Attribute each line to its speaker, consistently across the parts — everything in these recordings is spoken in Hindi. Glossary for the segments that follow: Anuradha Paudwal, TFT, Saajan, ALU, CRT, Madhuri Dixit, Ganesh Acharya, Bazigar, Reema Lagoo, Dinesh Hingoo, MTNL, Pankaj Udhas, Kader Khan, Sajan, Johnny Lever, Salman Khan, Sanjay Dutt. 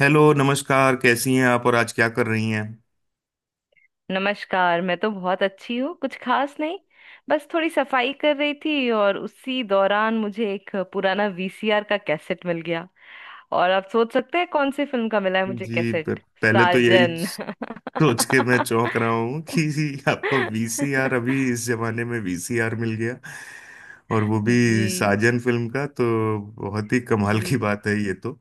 Speaker 1: हेलो, नमस्कार। कैसी हैं आप और आज क्या कर रही हैं?
Speaker 2: नमस्कार। मैं तो बहुत अच्छी हूँ। कुछ खास नहीं। बस थोड़ी सफाई कर रही थी और उसी दौरान मुझे एक पुराना वीसीआर का कैसेट मिल गया। और आप सोच सकते हैं कौन सी फिल्म का मिला है मुझे
Speaker 1: जी प-
Speaker 2: कैसेट।
Speaker 1: पहले तो यही
Speaker 2: साजन।
Speaker 1: सोच के मैं चौंक रहा हूँ कि आपको वीसीआर, अभी इस जमाने में वीसीआर मिल गया। और वो भी
Speaker 2: जी।
Speaker 1: साजन फिल्म का, तो बहुत ही कमाल की
Speaker 2: जी
Speaker 1: बात है ये तो।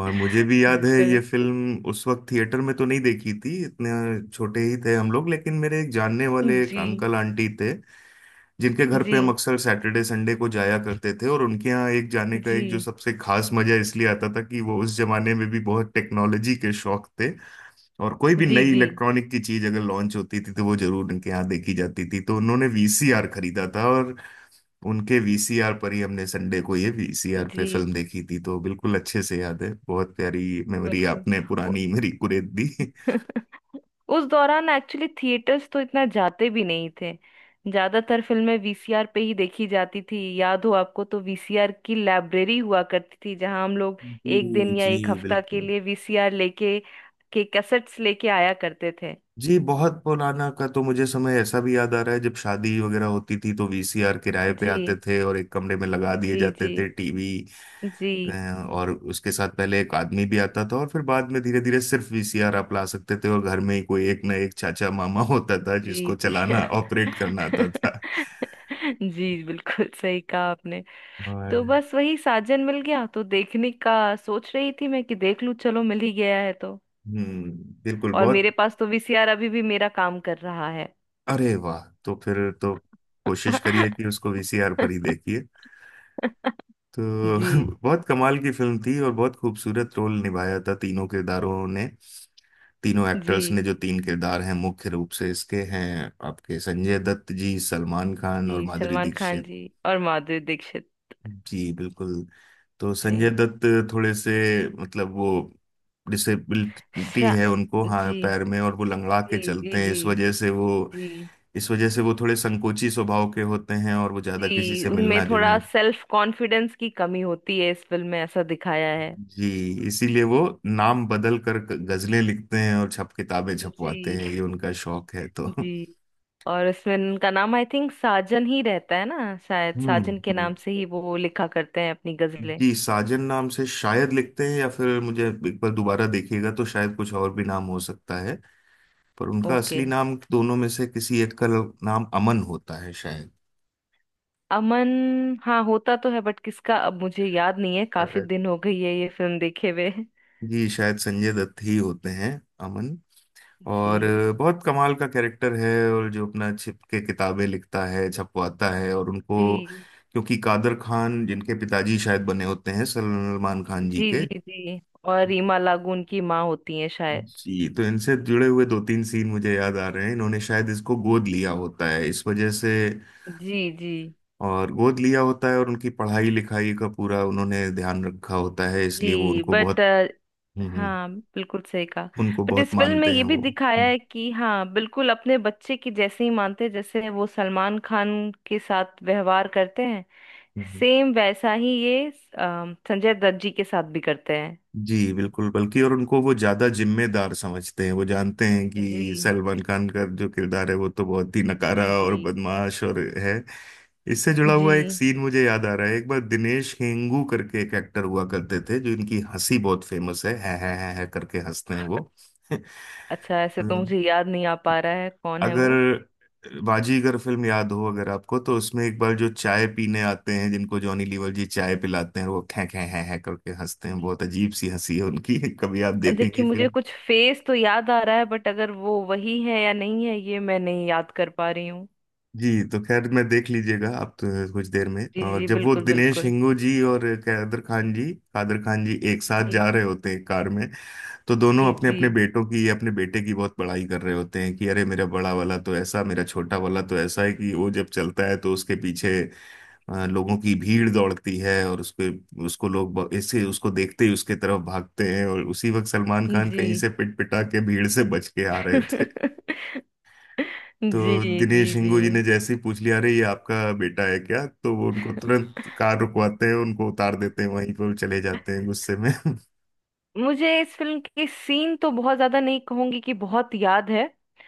Speaker 1: और मुझे भी याद है ये
Speaker 2: बिल्कुल।
Speaker 1: फिल्म। उस वक्त थिएटर में तो नहीं देखी थी, इतने छोटे ही थे हम लोग, लेकिन मेरे एक जानने वाले एक
Speaker 2: जी
Speaker 1: अंकल आंटी थे जिनके घर
Speaker 2: जी
Speaker 1: पे हम अक्सर सैटरडे संडे को जाया करते थे। और उनके यहाँ एक जाने का एक जो
Speaker 2: जी।
Speaker 1: सबसे खास मजा इसलिए आता था कि वो उस जमाने में भी बहुत टेक्नोलॉजी के शौक थे। और कोई भी
Speaker 2: जी
Speaker 1: नई
Speaker 2: जी
Speaker 1: इलेक्ट्रॉनिक की चीज अगर लॉन्च होती थी तो वो जरूर उनके यहाँ देखी जाती थी। तो उन्होंने वीसीआर खरीदा था और उनके वीसीआर पर ही हमने संडे को ये वीसीआर पे
Speaker 2: जी
Speaker 1: फिल्म देखी थी। तो बिल्कुल अच्छे से याद है, बहुत प्यारी मेमोरी
Speaker 2: बिल्कुल।
Speaker 1: आपने
Speaker 2: ओ-
Speaker 1: पुरानी मेरी कुरेद दी।
Speaker 2: उस दौरान एक्चुअली थिएटर्स तो इतना जाते भी नहीं थे। ज्यादातर फिल्में वीसीआर पे ही देखी जाती थी। याद हो आपको तो वीसीआर की लाइब्रेरी हुआ करती थी जहां हम लोग एक
Speaker 1: जी
Speaker 2: दिन या एक
Speaker 1: जी,
Speaker 2: हफ्ता के
Speaker 1: बिल्कुल।
Speaker 2: लिए वीसीआर लेके के कैसेट्स लेके आया करते थे।
Speaker 1: जी, बहुत पुराना का तो मुझे समय ऐसा भी याद आ रहा है जब शादी वगैरह होती थी तो वीसीआर किराए पे
Speaker 2: जी
Speaker 1: आते थे, और एक कमरे में लगा दिए
Speaker 2: जी
Speaker 1: जाते
Speaker 2: जी
Speaker 1: थे टीवी।
Speaker 2: जी
Speaker 1: और उसके साथ पहले एक आदमी भी आता था, और फिर बाद में धीरे धीरे सिर्फ वीसीआर आप ला सकते थे, और घर में ही कोई एक ना एक चाचा मामा होता था
Speaker 2: जी
Speaker 1: जिसको
Speaker 2: जी।
Speaker 1: चलाना, ऑपरेट करना आता था।
Speaker 2: जी बिल्कुल सही कहा आपने।
Speaker 1: और
Speaker 2: तो बस वही साजन मिल गया तो देखने का सोच रही थी मैं कि देख लूं, चलो मिल ही गया है तो।
Speaker 1: हम्म, बिल्कुल।
Speaker 2: और
Speaker 1: बहुत
Speaker 2: मेरे पास तो वीसीआर अभी भी मेरा काम कर रहा है।
Speaker 1: अरे वाह, तो फिर तो कोशिश करिए कि उसको वीसीआर पर ही देखिए। तो
Speaker 2: जी
Speaker 1: बहुत कमाल की फिल्म थी और बहुत खूबसूरत रोल निभाया था तीनों किरदारों ने, तीनों
Speaker 2: जी।
Speaker 1: एक्टर्स ने। जो तीन किरदार हैं मुख्य रूप से इसके, हैं आपके संजय दत्त जी, सलमान खान और
Speaker 2: जी
Speaker 1: माधुरी
Speaker 2: सलमान खान
Speaker 1: दीक्षित।
Speaker 2: जी और माधुरी दीक्षित
Speaker 1: जी बिल्कुल। तो संजय
Speaker 2: जी।
Speaker 1: दत्त थोड़े से, मतलब वो डिसेबिलिटी
Speaker 2: शा
Speaker 1: है उनको, हाँ,
Speaker 2: जी
Speaker 1: पैर में, और वो लंगड़ा के
Speaker 2: जी जी।
Speaker 1: चलते हैं।
Speaker 2: जी
Speaker 1: इस वजह से वो,
Speaker 2: जी
Speaker 1: इस वजह से वो थोड़े संकोची स्वभाव के होते हैं, और वो ज्यादा किसी
Speaker 2: जी
Speaker 1: से
Speaker 2: उनमें
Speaker 1: मिलना
Speaker 2: थोड़ा
Speaker 1: जुलना।
Speaker 2: सेल्फ कॉन्फिडेंस की कमी होती है, इस फिल्म में ऐसा दिखाया है।
Speaker 1: जी, इसीलिए वो नाम बदल कर गजलें लिखते हैं और छप किताबें छपवाते
Speaker 2: जी
Speaker 1: हैं, ये उनका शौक है। तो
Speaker 2: जी। और इसमें उनका नाम आई थिंक साजन ही रहता है ना, शायद
Speaker 1: हम्म
Speaker 2: साजन के
Speaker 1: हम्म।
Speaker 2: नाम से ही वो लिखा करते हैं अपनी गजलें।
Speaker 1: जी, साजन नाम से शायद लिखते हैं, या फिर मुझे एक बार दोबारा देखिएगा तो शायद कुछ और भी नाम हो सकता है। पर उनका
Speaker 2: ओके।
Speaker 1: असली नाम दोनों में से किसी एक का नाम अमन होता है शायद।
Speaker 2: अमन। हाँ, होता तो है बट किसका अब मुझे याद नहीं है, काफी
Speaker 1: शायद-
Speaker 2: दिन हो गई है ये फिल्म देखे हुए।
Speaker 1: जी शायद संजय दत्त ही होते हैं, अमन।
Speaker 2: जी
Speaker 1: और बहुत कमाल का कैरेक्टर है। और जो अपना छिप के किताबें लिखता है, छपवाता है, और उनको
Speaker 2: जी
Speaker 1: क्योंकि कादर खान जिनके पिताजी शायद बने होते हैं सलमान खान जी
Speaker 2: जी
Speaker 1: के।
Speaker 2: जी जी। और रीमा लागू उनकी माँ होती है शायद।
Speaker 1: जी, तो इनसे जुड़े हुए दो तीन सीन मुझे याद आ रहे हैं। इन्होंने शायद इसको गोद लिया होता है इस वजह से,
Speaker 2: जी जी
Speaker 1: और गोद लिया होता है और उनकी पढ़ाई लिखाई का पूरा उन्होंने ध्यान रखा होता है, इसलिए वो
Speaker 2: जी।
Speaker 1: उनको
Speaker 2: बट
Speaker 1: बहुत, हम्म हम्म,
Speaker 2: हाँ बिल्कुल सही कहा।
Speaker 1: उनको
Speaker 2: बट
Speaker 1: बहुत
Speaker 2: इस फिल्म में
Speaker 1: मानते हैं
Speaker 2: ये भी
Speaker 1: वो।
Speaker 2: दिखाया है कि हाँ बिल्कुल अपने बच्चे की जैसे ही मानते हैं, जैसे वो सलमान खान के साथ व्यवहार करते हैं,
Speaker 1: हम्म,
Speaker 2: सेम वैसा ही ये संजय दत्त जी के साथ भी करते हैं।
Speaker 1: जी बिल्कुल, बल्कि और उनको वो ज्यादा जिम्मेदार समझते हैं। वो जानते हैं कि
Speaker 2: जी
Speaker 1: सलमान खान का जो किरदार है वो तो बहुत ही नकारा
Speaker 2: जी जी
Speaker 1: और बदमाश और है। इससे जुड़ा
Speaker 2: जी।
Speaker 1: हुआ एक सीन मुझे याद आ रहा है। एक बार दिनेश हेंगू करके एक एक्टर हुआ करते थे, जो इनकी हंसी बहुत फेमस है, है करके हंसते हैं वो।
Speaker 2: अच्छा, ऐसे तो मुझे याद नहीं आ पा रहा है कौन है
Speaker 1: अगर
Speaker 2: वो।
Speaker 1: बाजीगर फिल्म याद हो अगर आपको, तो उसमें एक बार जो चाय पीने आते हैं जिनको जॉनी लीवर जी चाय पिलाते हैं, वो खे खे हैं करके हंसते हैं, बहुत अजीब सी हंसी है उनकी। कभी आप देखेंगी
Speaker 2: देखिए मुझे
Speaker 1: फिल्म।
Speaker 2: कुछ फेस तो याद आ रहा है बट अगर वो वही है या नहीं है ये मैं नहीं याद कर पा रही हूँ।
Speaker 1: जी, तो खैर, मैं देख लीजिएगा आप तो कुछ देर में।
Speaker 2: जी
Speaker 1: और
Speaker 2: जी
Speaker 1: जब वो
Speaker 2: बिल्कुल
Speaker 1: दिनेश
Speaker 2: बिल्कुल।
Speaker 1: हिंगू जी और कादर खान जी, कादर खान जी एक साथ
Speaker 2: जी
Speaker 1: जा रहे होते हैं कार में, तो दोनों
Speaker 2: जी
Speaker 1: अपने
Speaker 2: जी
Speaker 1: अपने बेटों की, अपने बेटे की बहुत बड़ाई कर रहे होते हैं कि अरे मेरा बड़ा वाला तो ऐसा, मेरा छोटा वाला तो ऐसा है कि वो जब चलता है तो उसके पीछे लोगों की भीड़ दौड़ती है, और उसके, उसको लोग ऐसे उसको देखते ही उसके तरफ भागते हैं। और उसी वक्त सलमान खान
Speaker 2: जी।
Speaker 1: कहीं से पिट पिटा के भीड़ से बच के आ रहे थे। तो
Speaker 2: जी
Speaker 1: दिनेश
Speaker 2: जी जी।
Speaker 1: हिंगू जी ने जैसे ही पूछ लिया अरे ये आपका बेटा है क्या, तो वो उनको तुरंत कार रुकवाते हैं, उनको उतार देते हैं वहीं पर, वो चले जाते हैं गुस्से में।
Speaker 2: मुझे इस फिल्म के सीन तो बहुत ज्यादा नहीं कहूंगी कि बहुत याद है।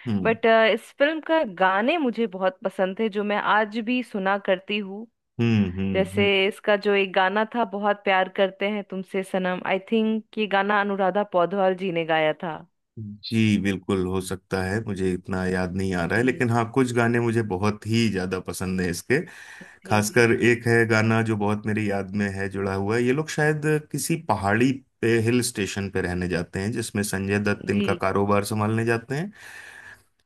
Speaker 1: हम्म
Speaker 2: बट इस फिल्म का गाने मुझे बहुत पसंद थे जो मैं आज भी सुना करती हूँ।
Speaker 1: हम्म
Speaker 2: जैसे
Speaker 1: हम्म
Speaker 2: इसका जो एक गाना था बहुत प्यार करते हैं तुमसे सनम, आई थिंक ये गाना अनुराधा पौडवाल जी ने गाया था।
Speaker 1: जी बिल्कुल, हो सकता है, मुझे इतना याद नहीं आ रहा है,
Speaker 2: जी
Speaker 1: लेकिन हाँ कुछ गाने मुझे बहुत ही ज्यादा पसंद है इसके।
Speaker 2: जी जी
Speaker 1: खासकर एक है गाना जो बहुत मेरी याद में है, जुड़ा हुआ है। ये लोग शायद किसी पहाड़ी पे, हिल स्टेशन पे रहने जाते हैं, जिसमें संजय दत्त
Speaker 2: जी
Speaker 1: इनका कारोबार संभालने जाते हैं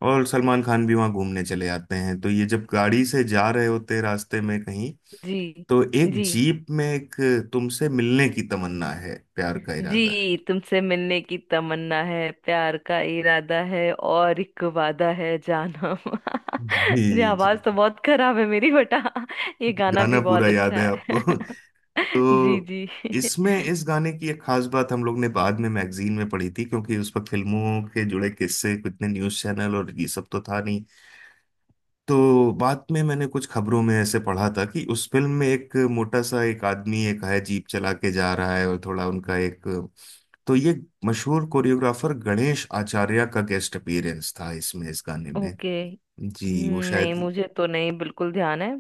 Speaker 1: और सलमान खान भी वहाँ घूमने चले जाते हैं। तो ये जब गाड़ी से जा रहे होते हैं रास्ते में कहीं,
Speaker 2: जी
Speaker 1: तो एक
Speaker 2: जी
Speaker 1: जीप में एक, तुमसे मिलने की तमन्ना है, प्यार का इरादा है।
Speaker 2: जी। तुमसे मिलने की तमन्ना है प्यार का इरादा है और एक वादा है जानम। ये
Speaker 1: जी जी।
Speaker 2: आवाज तो बहुत खराब है मेरी बेटा। ये
Speaker 1: जी,
Speaker 2: गाना
Speaker 1: गाना
Speaker 2: भी
Speaker 1: पूरा
Speaker 2: बहुत
Speaker 1: याद है
Speaker 2: अच्छा
Speaker 1: आपको?
Speaker 2: है। जी
Speaker 1: तो
Speaker 2: जी।
Speaker 1: इसमें इस गाने की एक खास बात हम लोग ने बाद में मैगजीन में पढ़ी थी, क्योंकि उस पर फिल्मों के जुड़े किस्से, कितने न्यूज़ चैनल और ये सब तो था नहीं। तो बाद में मैंने कुछ खबरों में ऐसे पढ़ा था कि उस फिल्म में एक मोटा सा एक आदमी एक है जीप चला के जा रहा है, और थोड़ा उनका एक, तो ये मशहूर कोरियोग्राफर गणेश आचार्य का गेस्ट अपीयरेंस था इसमें, इस गाने में।
Speaker 2: ओके।
Speaker 1: जी वो
Speaker 2: नहीं
Speaker 1: शायद,
Speaker 2: मुझे तो नहीं बिल्कुल ध्यान है।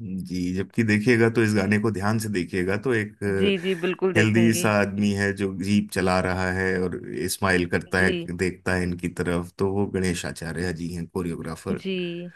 Speaker 1: जी जबकि देखिएगा तो इस गाने को ध्यान से देखिएगा तो एक
Speaker 2: जी जी बिल्कुल
Speaker 1: हेल्दी सा
Speaker 2: देखूंगी।
Speaker 1: आदमी है जो जीप चला रहा है, और स्माइल करता है,
Speaker 2: जी
Speaker 1: देखता है इनकी तरफ, तो वो गणेश आचार्य जी हैं, कोरियोग्राफर।
Speaker 2: जी।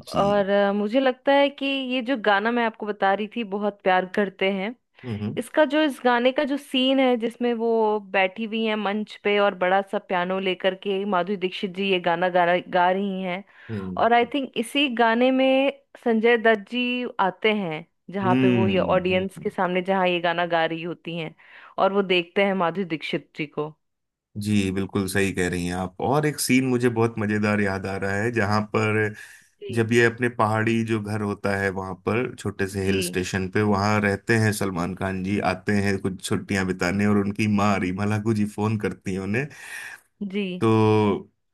Speaker 1: जी।
Speaker 2: और मुझे लगता है कि ये जो गाना मैं आपको बता रही थी बहुत प्यार करते हैं।
Speaker 1: हम्म
Speaker 2: इसका जो इस गाने का जो सीन है जिसमें वो बैठी हुई हैं मंच पे और बड़ा सा पियानो लेकर के माधुरी दीक्षित जी ये गाना गा रही हैं।
Speaker 1: हम्म
Speaker 2: और आई थिंक इसी गाने में संजय दत्त जी आते हैं जहाँ पे वो
Speaker 1: हम्म
Speaker 2: ये
Speaker 1: हम्म,
Speaker 2: ऑडियंस
Speaker 1: हम्म,
Speaker 2: के सामने जहाँ ये गाना गा रही होती हैं और वो देखते हैं माधुरी दीक्षित जी को।
Speaker 1: जी बिल्कुल सही कह रही हैं आप। और एक सीन मुझे बहुत मजेदार याद आ रहा है जहां पर,
Speaker 2: जी
Speaker 1: जब ये अपने पहाड़ी जो घर होता है वहां पर, छोटे से हिल
Speaker 2: जी
Speaker 1: स्टेशन पे वहां रहते हैं, सलमान खान जी आते हैं कुछ छुट्टियां बिताने, और उनकी माँ रीमा लागू जी फोन करती हैं उन्हें।
Speaker 2: जी।
Speaker 1: तो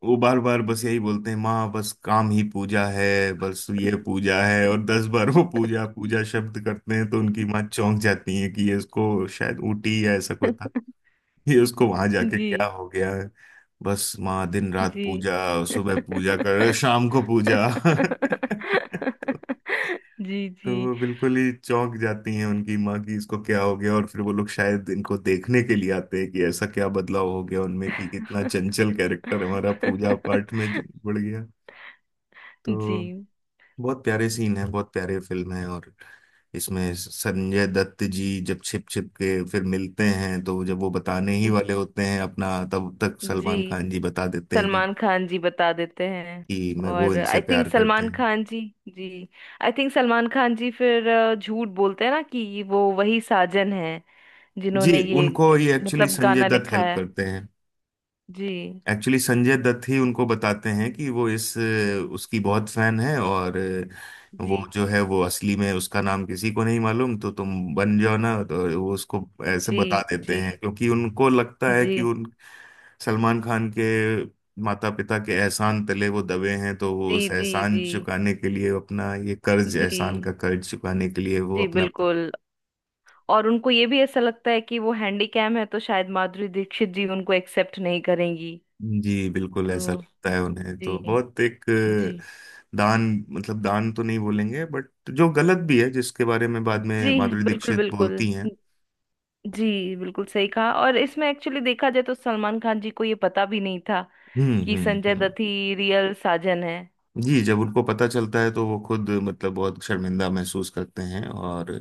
Speaker 1: वो बार बार बस यही बोलते हैं, माँ बस काम ही पूजा है, बस ये पूजा है, और 10 बार वो पूजा पूजा शब्द करते हैं। तो उनकी माँ चौंक जाती है कि ये इसको शायद ऊटी या ऐसा कुछ, ये उसको वहां जाके
Speaker 2: जी
Speaker 1: क्या हो गया है, बस माँ दिन रात
Speaker 2: जी।
Speaker 1: पूजा, सुबह पूजा कर, शाम को पूजा।
Speaker 2: जी
Speaker 1: तो
Speaker 2: जी।
Speaker 1: वो बिल्कुल ही चौंक जाती हैं उनकी माँ की इसको क्या हो गया, और फिर वो लोग शायद इनको देखने के लिए आते हैं कि ऐसा क्या बदलाव हो गया उनमें कि कितना चंचल कैरेक्टर हमारा पूजा पाठ में जो बढ़ गया। तो
Speaker 2: जी
Speaker 1: बहुत प्यारे सीन है, बहुत प्यारे फिल्म है। और इसमें संजय दत्त जी जब छिप छिप के फिर मिलते हैं, तो जब वो बताने ही वाले होते हैं अपना, तब तक
Speaker 2: जी
Speaker 1: सलमान खान जी बता देते हैं
Speaker 2: सलमान खान जी बता देते हैं।
Speaker 1: कि मैं, वो
Speaker 2: और
Speaker 1: इनसे
Speaker 2: आई थिंक
Speaker 1: प्यार करते
Speaker 2: सलमान
Speaker 1: हैं।
Speaker 2: खान जी। जी। आई थिंक सलमान खान जी फिर झूठ बोलते हैं ना कि वो वही साजन है
Speaker 1: जी,
Speaker 2: जिन्होंने ये
Speaker 1: उनको ये एक्चुअली
Speaker 2: मतलब
Speaker 1: संजय
Speaker 2: गाना
Speaker 1: दत्त
Speaker 2: लिखा
Speaker 1: हेल्प
Speaker 2: है।
Speaker 1: करते हैं।
Speaker 2: जी
Speaker 1: एक्चुअली संजय दत्त ही उनको बताते हैं कि वो इस, उसकी बहुत फैन है, और
Speaker 2: जी
Speaker 1: वो जो है वो असली में उसका नाम किसी को नहीं मालूम तो तुम बन जाओ ना। तो वो उसको ऐसे
Speaker 2: जी
Speaker 1: बता देते
Speaker 2: जी
Speaker 1: हैं, क्योंकि उनको लगता है
Speaker 2: जी
Speaker 1: कि उन सलमान खान के माता पिता के एहसान तले वो दबे हैं, तो वो
Speaker 2: जी
Speaker 1: उस
Speaker 2: जी
Speaker 1: एहसान
Speaker 2: जी।
Speaker 1: चुकाने के लिए अपना ये कर्ज, एहसान
Speaker 2: जी
Speaker 1: का कर्ज चुकाने के लिए वो
Speaker 2: जी
Speaker 1: अपना।
Speaker 2: बिल्कुल। और उनको ये भी ऐसा लगता है कि वो हैंडीकैम है तो शायद माधुरी दीक्षित जी उनको एक्सेप्ट नहीं करेंगी
Speaker 1: जी बिल्कुल,
Speaker 2: तो।
Speaker 1: ऐसा लगता है उन्हें।
Speaker 2: जी
Speaker 1: तो बहुत एक
Speaker 2: जी
Speaker 1: दान, मतलब दान तो नहीं बोलेंगे, बट जो गलत भी है, जिसके बारे में बाद में
Speaker 2: जी
Speaker 1: माधुरी
Speaker 2: बिल्कुल
Speaker 1: दीक्षित
Speaker 2: बिल्कुल।
Speaker 1: बोलती हैं।
Speaker 2: जी बिल्कुल सही कहा। और इसमें एक्चुअली देखा जाए तो सलमान खान जी को ये पता भी नहीं था
Speaker 1: हम्म
Speaker 2: कि
Speaker 1: हम्म
Speaker 2: संजय
Speaker 1: हम्म
Speaker 2: दत्त ही रियल साजन है।
Speaker 1: जी, जब उनको पता चलता है तो वो खुद मतलब बहुत शर्मिंदा महसूस करते हैं। और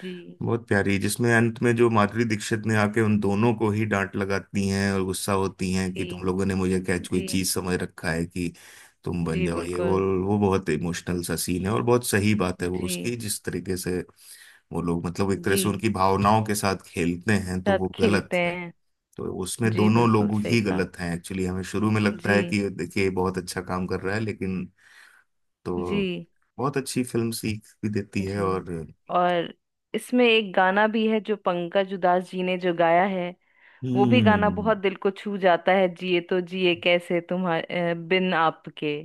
Speaker 2: जी
Speaker 1: बहुत प्यारी जिसमें अंत में जो माधुरी दीक्षित ने आके उन दोनों को ही डांट लगाती हैं और गुस्सा होती हैं कि तुम
Speaker 2: जी
Speaker 1: लोगों ने मुझे क्या कोई
Speaker 2: जी
Speaker 1: चीज समझ रखा है कि तुम बन
Speaker 2: जी
Speaker 1: जाओ ये वो।
Speaker 2: बिल्कुल।
Speaker 1: वो बहुत इमोशनल सा सीन है, और बहुत सही बात है वो
Speaker 2: जी
Speaker 1: उसकी, जिस तरीके से वो लोग मतलब एक तरह
Speaker 2: जी
Speaker 1: से उनकी भावनाओं के साथ खेलते हैं तो
Speaker 2: साथ
Speaker 1: वो गलत
Speaker 2: खेलते
Speaker 1: है।
Speaker 2: हैं।
Speaker 1: तो उसमें
Speaker 2: जी
Speaker 1: दोनों
Speaker 2: बिल्कुल
Speaker 1: लोग
Speaker 2: सही
Speaker 1: ही
Speaker 2: कहा।
Speaker 1: गलत हैं एक्चुअली। हमें शुरू में लगता
Speaker 2: जी
Speaker 1: है कि देखिए ये बहुत अच्छा काम कर रहा है, लेकिन,
Speaker 2: जी
Speaker 1: तो बहुत अच्छी फिल्म सीख भी देती है।
Speaker 2: जी।
Speaker 1: और
Speaker 2: और इसमें एक गाना भी है जो पंकज उधास जी ने जो गाया है। वो भी गाना
Speaker 1: हम्म,
Speaker 2: बहुत दिल को छू जाता है, जिए तो जिए कैसे तुम्हारे बिन आपके।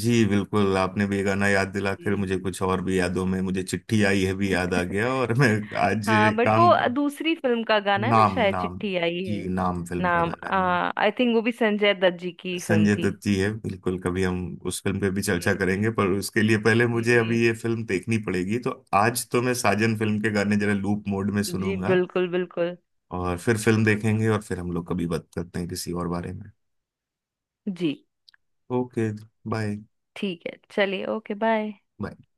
Speaker 1: जी बिल्कुल, आपने भी ये गाना याद दिला
Speaker 2: जी।
Speaker 1: कर मुझे कुछ और भी यादों में मुझे चिट्ठी आई है भी याद आ गया। और मैं आज
Speaker 2: हाँ बट
Speaker 1: काम,
Speaker 2: वो दूसरी फिल्म का गाना है ना
Speaker 1: नाम,
Speaker 2: शायद,
Speaker 1: नाम।
Speaker 2: चिट्ठी आई
Speaker 1: जी,
Speaker 2: है।
Speaker 1: नाम फिल्म का
Speaker 2: नाम,
Speaker 1: गाना है।
Speaker 2: आई थिंक वो भी संजय दत्त जी की फिल्म
Speaker 1: संजय
Speaker 2: थी।
Speaker 1: दत्त जी है बिल्कुल। कभी हम उस फिल्म पे भी चर्चा
Speaker 2: जी
Speaker 1: करेंगे, पर उसके लिए पहले
Speaker 2: जी
Speaker 1: मुझे
Speaker 2: जी।
Speaker 1: अभी ये फिल्म देखनी पड़ेगी। तो आज तो मैं साजन फिल्म के गाने जरा लूप मोड में
Speaker 2: जी
Speaker 1: सुनूंगा,
Speaker 2: बिल्कुल बिल्कुल।
Speaker 1: और फिर फिल्म देखेंगे, और फिर हम लोग कभी बात करते हैं किसी और बारे में।
Speaker 2: जी
Speaker 1: ओके, बाय।
Speaker 2: ठीक है चलिए ओके बाय।
Speaker 1: my